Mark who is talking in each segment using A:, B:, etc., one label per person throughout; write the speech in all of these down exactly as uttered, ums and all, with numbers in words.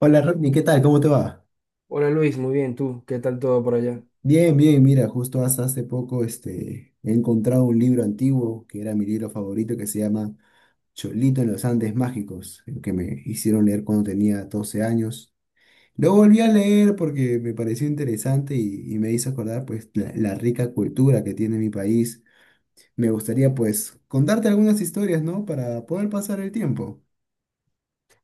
A: Hola Rodney, ¿qué tal? ¿Cómo te va?
B: Hola Luis, muy bien, ¿tú? ¿Qué tal todo por allá?
A: Bien, bien, mira, justo hasta hace poco este, he encontrado un libro antiguo que era mi libro favorito que se llama Cholito en los Andes Mágicos, el que me hicieron leer cuando tenía doce años. Lo volví a leer porque me pareció interesante y, y me hizo acordar pues la, la rica cultura que tiene mi país. Me gustaría pues contarte algunas historias, ¿no? Para poder pasar el tiempo.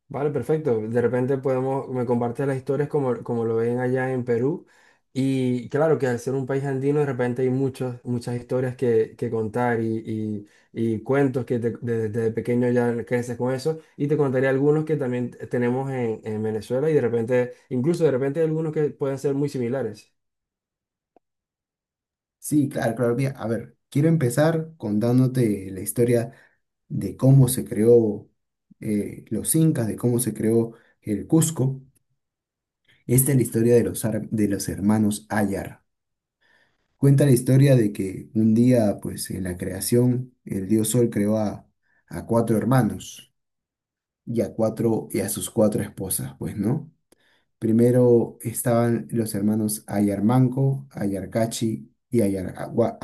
B: Vale, perfecto. De repente podemos, me compartes las historias como, como lo ven allá en Perú. Y claro que al ser un país andino, de repente hay muchas, muchas historias que, que contar y, y- y cuentos que te- desde, desde pequeño ya creces con eso. Y te contaré algunos que también tenemos en, en Venezuela y de repente, incluso de repente hay algunos que pueden ser muy similares.
A: Sí, claro, claro. Mira, a ver, quiero empezar contándote la historia de cómo se creó eh, los incas, de cómo se creó el Cusco. Esta es la historia de los, ar- de los hermanos Ayar. Cuenta la historia de que un día, pues en la creación, el dios Sol creó a, a cuatro hermanos y a cuatro y a sus cuatro esposas, pues, ¿no? Primero estaban los hermanos Ayar Manco, Ayar Cachi y Ayar Agua.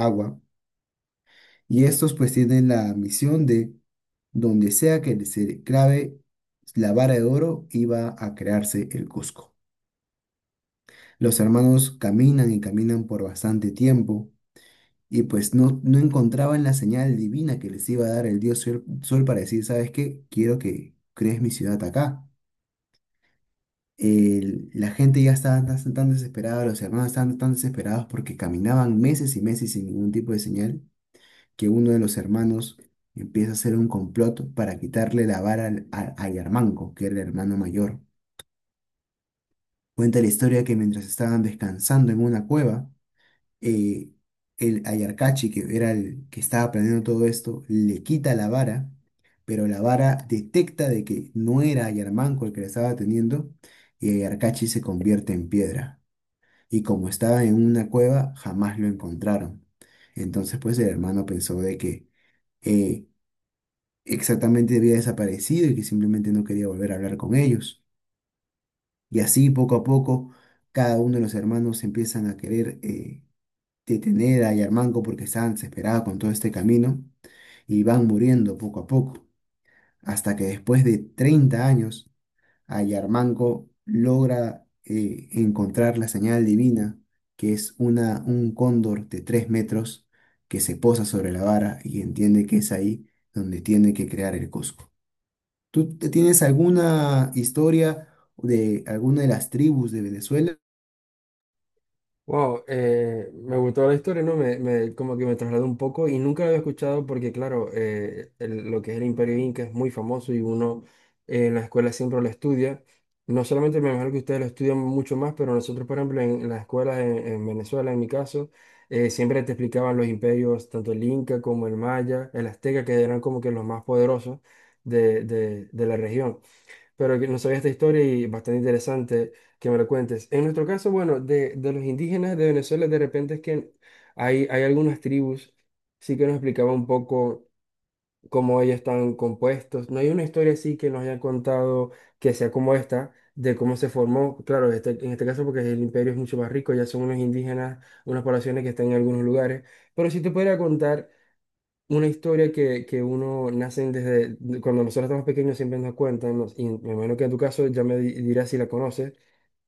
A: Y estos pues tienen la misión de, donde sea que se clave la vara de oro, iba a crearse el Cusco. Los hermanos caminan y caminan por bastante tiempo y pues no, no encontraban la señal divina que les iba a dar el dios sol, Sol para decir, ¿sabes qué? Quiero que crees mi ciudad acá. El- la gente ya estaba tan, tan desesperada, los hermanos estaban tan desesperados porque caminaban meses y meses sin ningún tipo de señal que uno de los hermanos empieza a hacer un complot para quitarle la vara al- a, a Yarmanco, que era el hermano mayor. Cuenta la historia que mientras estaban descansando en una cueva, eh, el Ayarcachi, que era el que estaba planeando todo esto, le quita la vara, pero la vara detecta de que no era Ayarmanco el que la estaba teniendo, y Ayarcachi se convierte en piedra. Y como estaba en una cueva, jamás lo encontraron. Entonces, pues el hermano pensó de que eh, exactamente había desaparecido y que simplemente no quería volver a hablar con ellos. Y así poco a poco cada uno de los hermanos empiezan a querer eh, detener a Yarmanco porque estaban desesperados con todo este camino y van muriendo poco a poco. Hasta que después de treinta años a Yarmanco logra eh, encontrar la señal divina, que es una, un cóndor de tres metros que se posa sobre la vara y entiende que es ahí donde tiene que crear el Cusco. ¿Tú te- tienes alguna historia de alguna de las tribus de Venezuela?
B: Wow, eh, me gustó la historia, ¿no? Me, me- como que me trasladó un poco y nunca la había escuchado porque, claro, eh, el- lo que es el Imperio Inca es muy famoso y uno eh, en la escuela siempre lo estudia. No solamente, me imagino que ustedes lo estudian mucho más, pero nosotros, por ejemplo, en, en las escuelas en, en Venezuela, en mi caso, eh, siempre te explicaban los imperios, tanto el Inca como el Maya, el Azteca, que eran como que los más poderosos de, de de la región, pero que no sabía esta historia y bastante interesante que me lo cuentes. En nuestro caso, bueno, de, de los indígenas de Venezuela, de repente es que hay, hay algunas tribus, sí que nos explicaba un poco cómo ellos están compuestos. No hay una historia así que nos hayan contado que sea como esta, de cómo se formó. Claro, este- en este caso porque el imperio es mucho más rico, ya son unos indígenas, unas poblaciones que están en algunos lugares, pero sí te podría contar una historia que, que uno nace desde cuando nosotros estamos pequeños, siempre nos cuentan, nos- y me imagino que en tu caso ya me di- dirás si la conoces,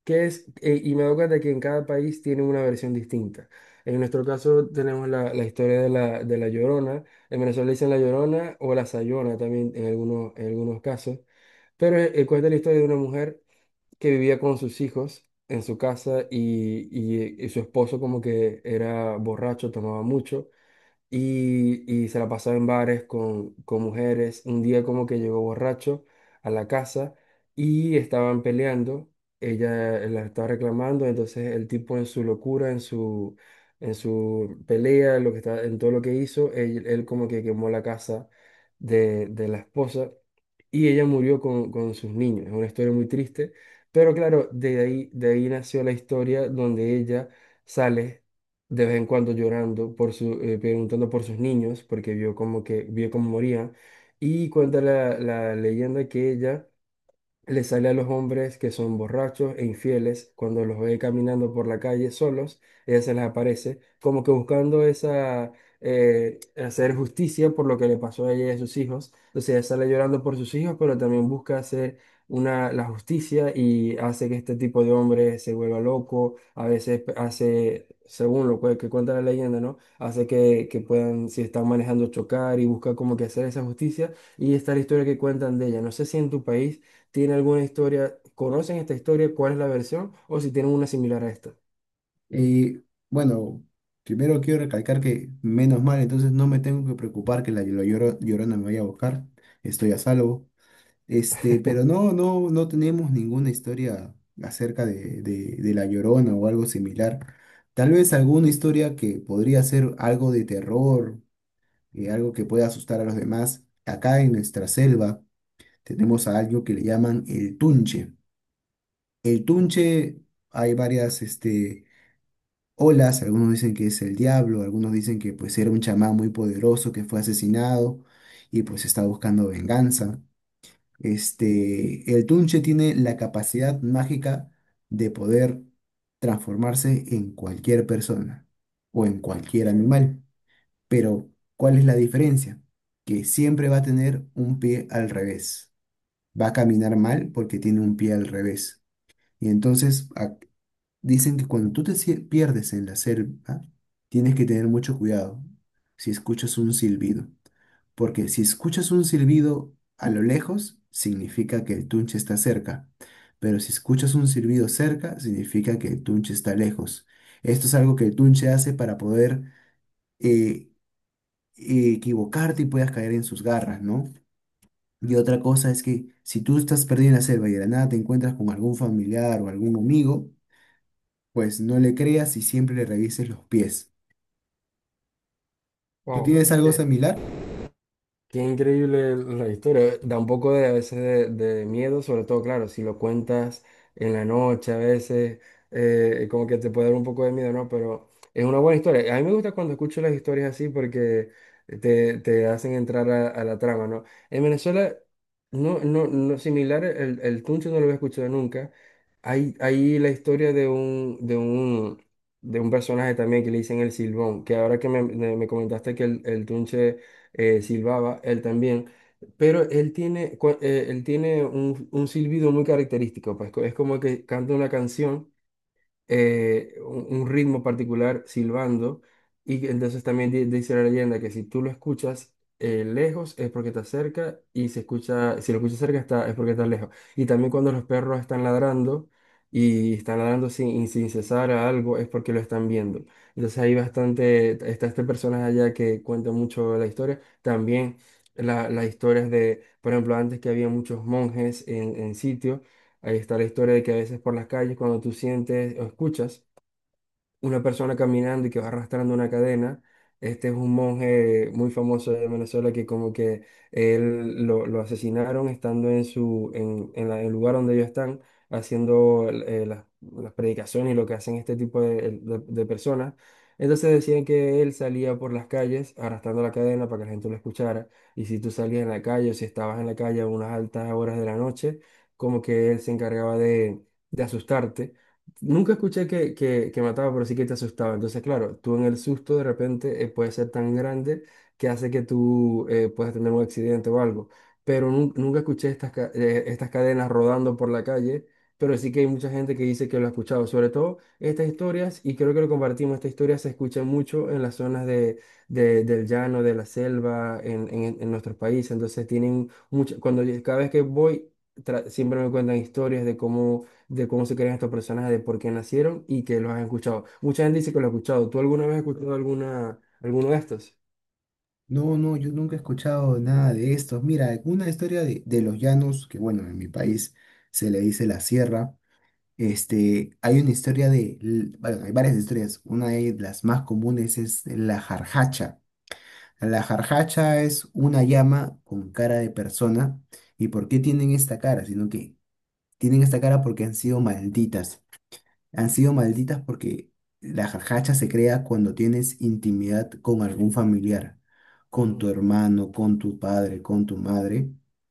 B: que es, eh, y me doy cuenta que en cada país tiene una versión distinta. En nuestro caso tenemos la, la historia de la, de la Llorona. En Venezuela le dicen la Llorona o la Sayona también en algunos, en algunos casos. Pero eh, eh, cuenta la historia de una mujer que vivía con sus hijos en su casa, y, y, eh, y su esposo como que era borracho, tomaba mucho, y, y se la pasaba en bares con, con mujeres. Un día como que llegó borracho a la casa y estaban peleando. Ella eh, la estaba reclamando. Entonces el tipo, en su locura, en su, en su pelea, lo que está, en todo lo que hizo, él, él como que quemó la casa de, de la esposa, y ella murió con, con sus niños. Es una historia muy triste, pero claro, de ahí, de ahí nació la historia donde ella sale de vez en cuando llorando por su, eh, preguntando por sus niños, porque vio como que vio cómo morían. Y cuenta la, la leyenda que ella le sale a los hombres que son borrachos e infieles. Cuando los ve caminando por la calle solos, ella se les aparece, como que buscando esa, eh, hacer justicia por lo que le pasó a ella y a sus hijos. Entonces ella sale llorando por sus hijos, pero también busca hacer una, la justicia, y hace que este tipo de hombre se vuelva loco. A veces pe- hace, según lo que que cuenta la leyenda, ¿no? Hace que, que puedan, si están manejando, chocar, y busca como que hacer esa justicia. Y esta es la historia que cuentan de ella. No sé si en tu país tiene alguna historia, conocen esta historia, cuál es la versión, o si tienen una similar a esta.
A: Eh, bueno, primero quiero recalcar que menos mal, entonces no me tengo que preocupar que la, la lloro- llorona me vaya a buscar, estoy a salvo. Este, pero no, no, no tenemos ninguna historia acerca de, de, de la llorona o algo similar. Tal vez alguna historia que podría ser algo de terror, eh, algo que pueda asustar a los demás. Acá en nuestra selva tenemos a algo que le llaman el tunche. El Tunche, hay varias este, olas, algunos dicen que es el diablo, algunos dicen que pues era un chamán muy poderoso que fue asesinado y pues está buscando venganza. Este, El Tunche tiene la capacidad mágica de poder transformarse en cualquier persona o en cualquier animal, pero ¿cuál es la diferencia? Que siempre va a tener un pie al revés, va a caminar mal porque tiene un pie al revés. Y entonces, a- dicen que cuando tú te sie- pierdes en la selva, tienes que tener mucho cuidado si escuchas un silbido, porque si escuchas un silbido a lo lejos, significa que el tunche está cerca, pero si escuchas un silbido cerca, significa que el tunche está lejos. Esto es algo que el tunche hace para poder eh, equivocarte y puedas caer en sus garras, ¿no? Y otra cosa es que si tú estás perdido en la selva y de la nada te encuentras con algún familiar o algún amigo, pues no le creas y siempre le revises los pies. ¿Tú
B: Wow.
A: tienes algo similar?
B: Qué increíble la historia. Da un poco de, a veces de, de miedo, sobre todo, claro, si lo cuentas en la noche a veces, eh, como que te puede dar un poco de miedo, ¿no? Pero es una buena historia. A mí me gusta cuando escucho las historias así, porque te, te hacen entrar a, a la trama, ¿no? En Venezuela, no, no, no similar, el, el tunche no lo había escuchado nunca. Hay, hay la historia de un, de un, de un personaje también que le dicen el Silbón, que ahora que me, me me comentaste que el, el tunche eh, silbaba él también. Pero él tiene, cua- eh, él tiene un, un silbido muy característico, pues, co- es como que canta una canción, eh, un, un ritmo particular silbando. Y que entonces también di- dice la leyenda que si tú lo escuchas eh, lejos, es porque está cerca, y si escucha, si lo escuchas cerca está, es porque está lejos. Y también cuando los perros están ladrando y están ladrando sin, sin cesar a algo, es porque lo están viendo. Entonces hay bastante, está este personaje allá que cuenta mucho la historia. También la- las historias de, por ejemplo, antes que había muchos monjes en, en sitio. Ahí está la historia de que a veces por las calles, cuando tú sientes o escuchas una persona caminando y que va arrastrando una cadena. Este es un monje muy famoso de Venezuela que como que él lo, lo asesinaron estando en su en, en la- el lugar donde ellos están haciendo eh, las, las predicaciones y lo que hacen este tipo de, de- de personas. Entonces decían que él salía por las calles arrastrando la cadena para que la gente lo escuchara. Y si tú salías en la calle, o si estabas en la calle a unas altas horas de la noche, como que él se encargaba de, de asustarte. Nunca escuché que, que, que mataba, pero sí que te asustaba. Entonces, claro, tú en el susto, de repente, eh, puede ser tan grande que hace que tú eh, puedas tener un accidente o algo. Pero nun- nunca escuché estas, ca- eh, estas cadenas rodando por la calle, pero sí que hay mucha gente que dice que lo ha escuchado. Sobre todo estas historias, y creo que lo compartimos, estas historias se escuchan mucho en las zonas de, de- del llano, de la selva, en, en, en nuestros países. Entonces, tienen mucho, cuando cada vez que voy, tra- siempre me cuentan historias de cómo, de cómo se crean estos personajes, de por qué nacieron, y que los has escuchado. Mucha gente dice que lo ha escuchado. ¿Tú alguna vez has escuchado alguna, alguno de estos?
A: No, no, yo nunca he escuchado nada de esto. Mira, una historia de, de los llanos, que bueno, en mi país se le dice la sierra. Este, hay una historia de, l- bueno, hay varias historias. Una de las más comunes es la jarjacha. La jarjacha es una llama con cara de persona. ¿Y por qué tienen esta cara? Sino que tienen esta cara porque han sido malditas. Han sido malditas porque la jajacha se crea cuando tienes intimidad con algún familiar, con tu
B: Mm,
A: hermano, con tu padre, con tu madre.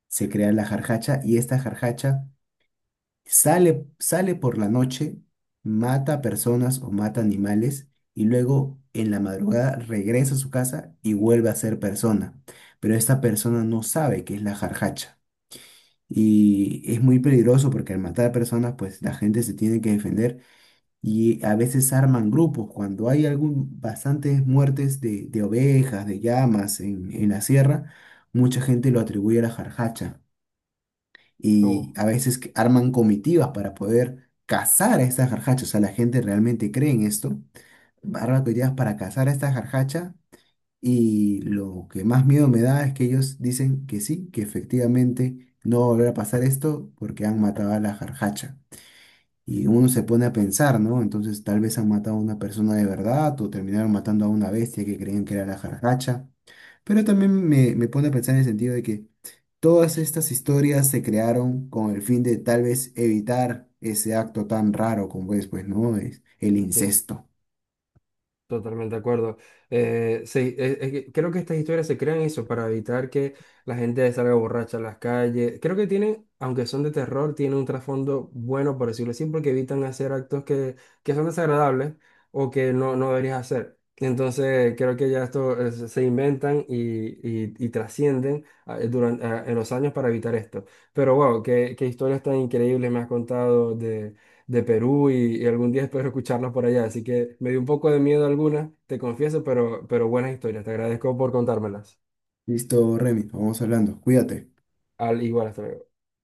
A: Se crea la jarjacha y esta jarjacha sale, sale por la noche, mata personas o mata animales y luego en la madrugada regresa a su casa y vuelve a ser persona. Pero esta persona no sabe qué es la jarjacha. Y es muy peligroso porque al matar personas, pues la gente se tiene que defender y a veces arman grupos. Cuando hay algún, bastantes muertes de, de ovejas, de llamas en, en la sierra, mucha gente lo atribuye a la jarjacha. Y
B: oh,
A: a veces que arman comitivas para poder cazar a estas jarjachas. O sea, la gente realmente cree en esto. Arman comitivas para cazar a esta jarjacha. Y lo que más miedo me da es que ellos dicen que sí, que efectivamente no va a volver a pasar esto porque han matado a la jarjacha. Y uno se pone a pensar, ¿no? Entonces tal vez han matado a una persona de verdad o terminaron matando a una bestia que creían que era la jarracacha. Pero también me, me pone a pensar en el sentido de que todas estas historias se crearon con el fin de tal vez evitar ese acto tan raro como es, pues, ¿no? Es el
B: sí.
A: incesto.
B: Totalmente de acuerdo. Eh, sí, es- es que creo que estas historias se crean eso para evitar que la gente salga borracha a las calles. Creo que tienen, aunque son de terror, tienen un trasfondo bueno, por decirlo así, porque evitan hacer actos que, que son desagradables, o que no, no deberías hacer. Entonces, creo que ya esto, eh, se se inventan y, y, y trascienden durante, en los años, para evitar esto. Pero wow, qué, qué historias tan increíbles me has contado de Perú, y, y algún día espero escucharlos por allá. Así que me dio un poco de miedo algunas, te confieso, pero, pero buenas historias. Te agradezco por contármelas.
A: Listo, Remy, vamos hablando. Cuídate.
B: Al igual, hasta luego.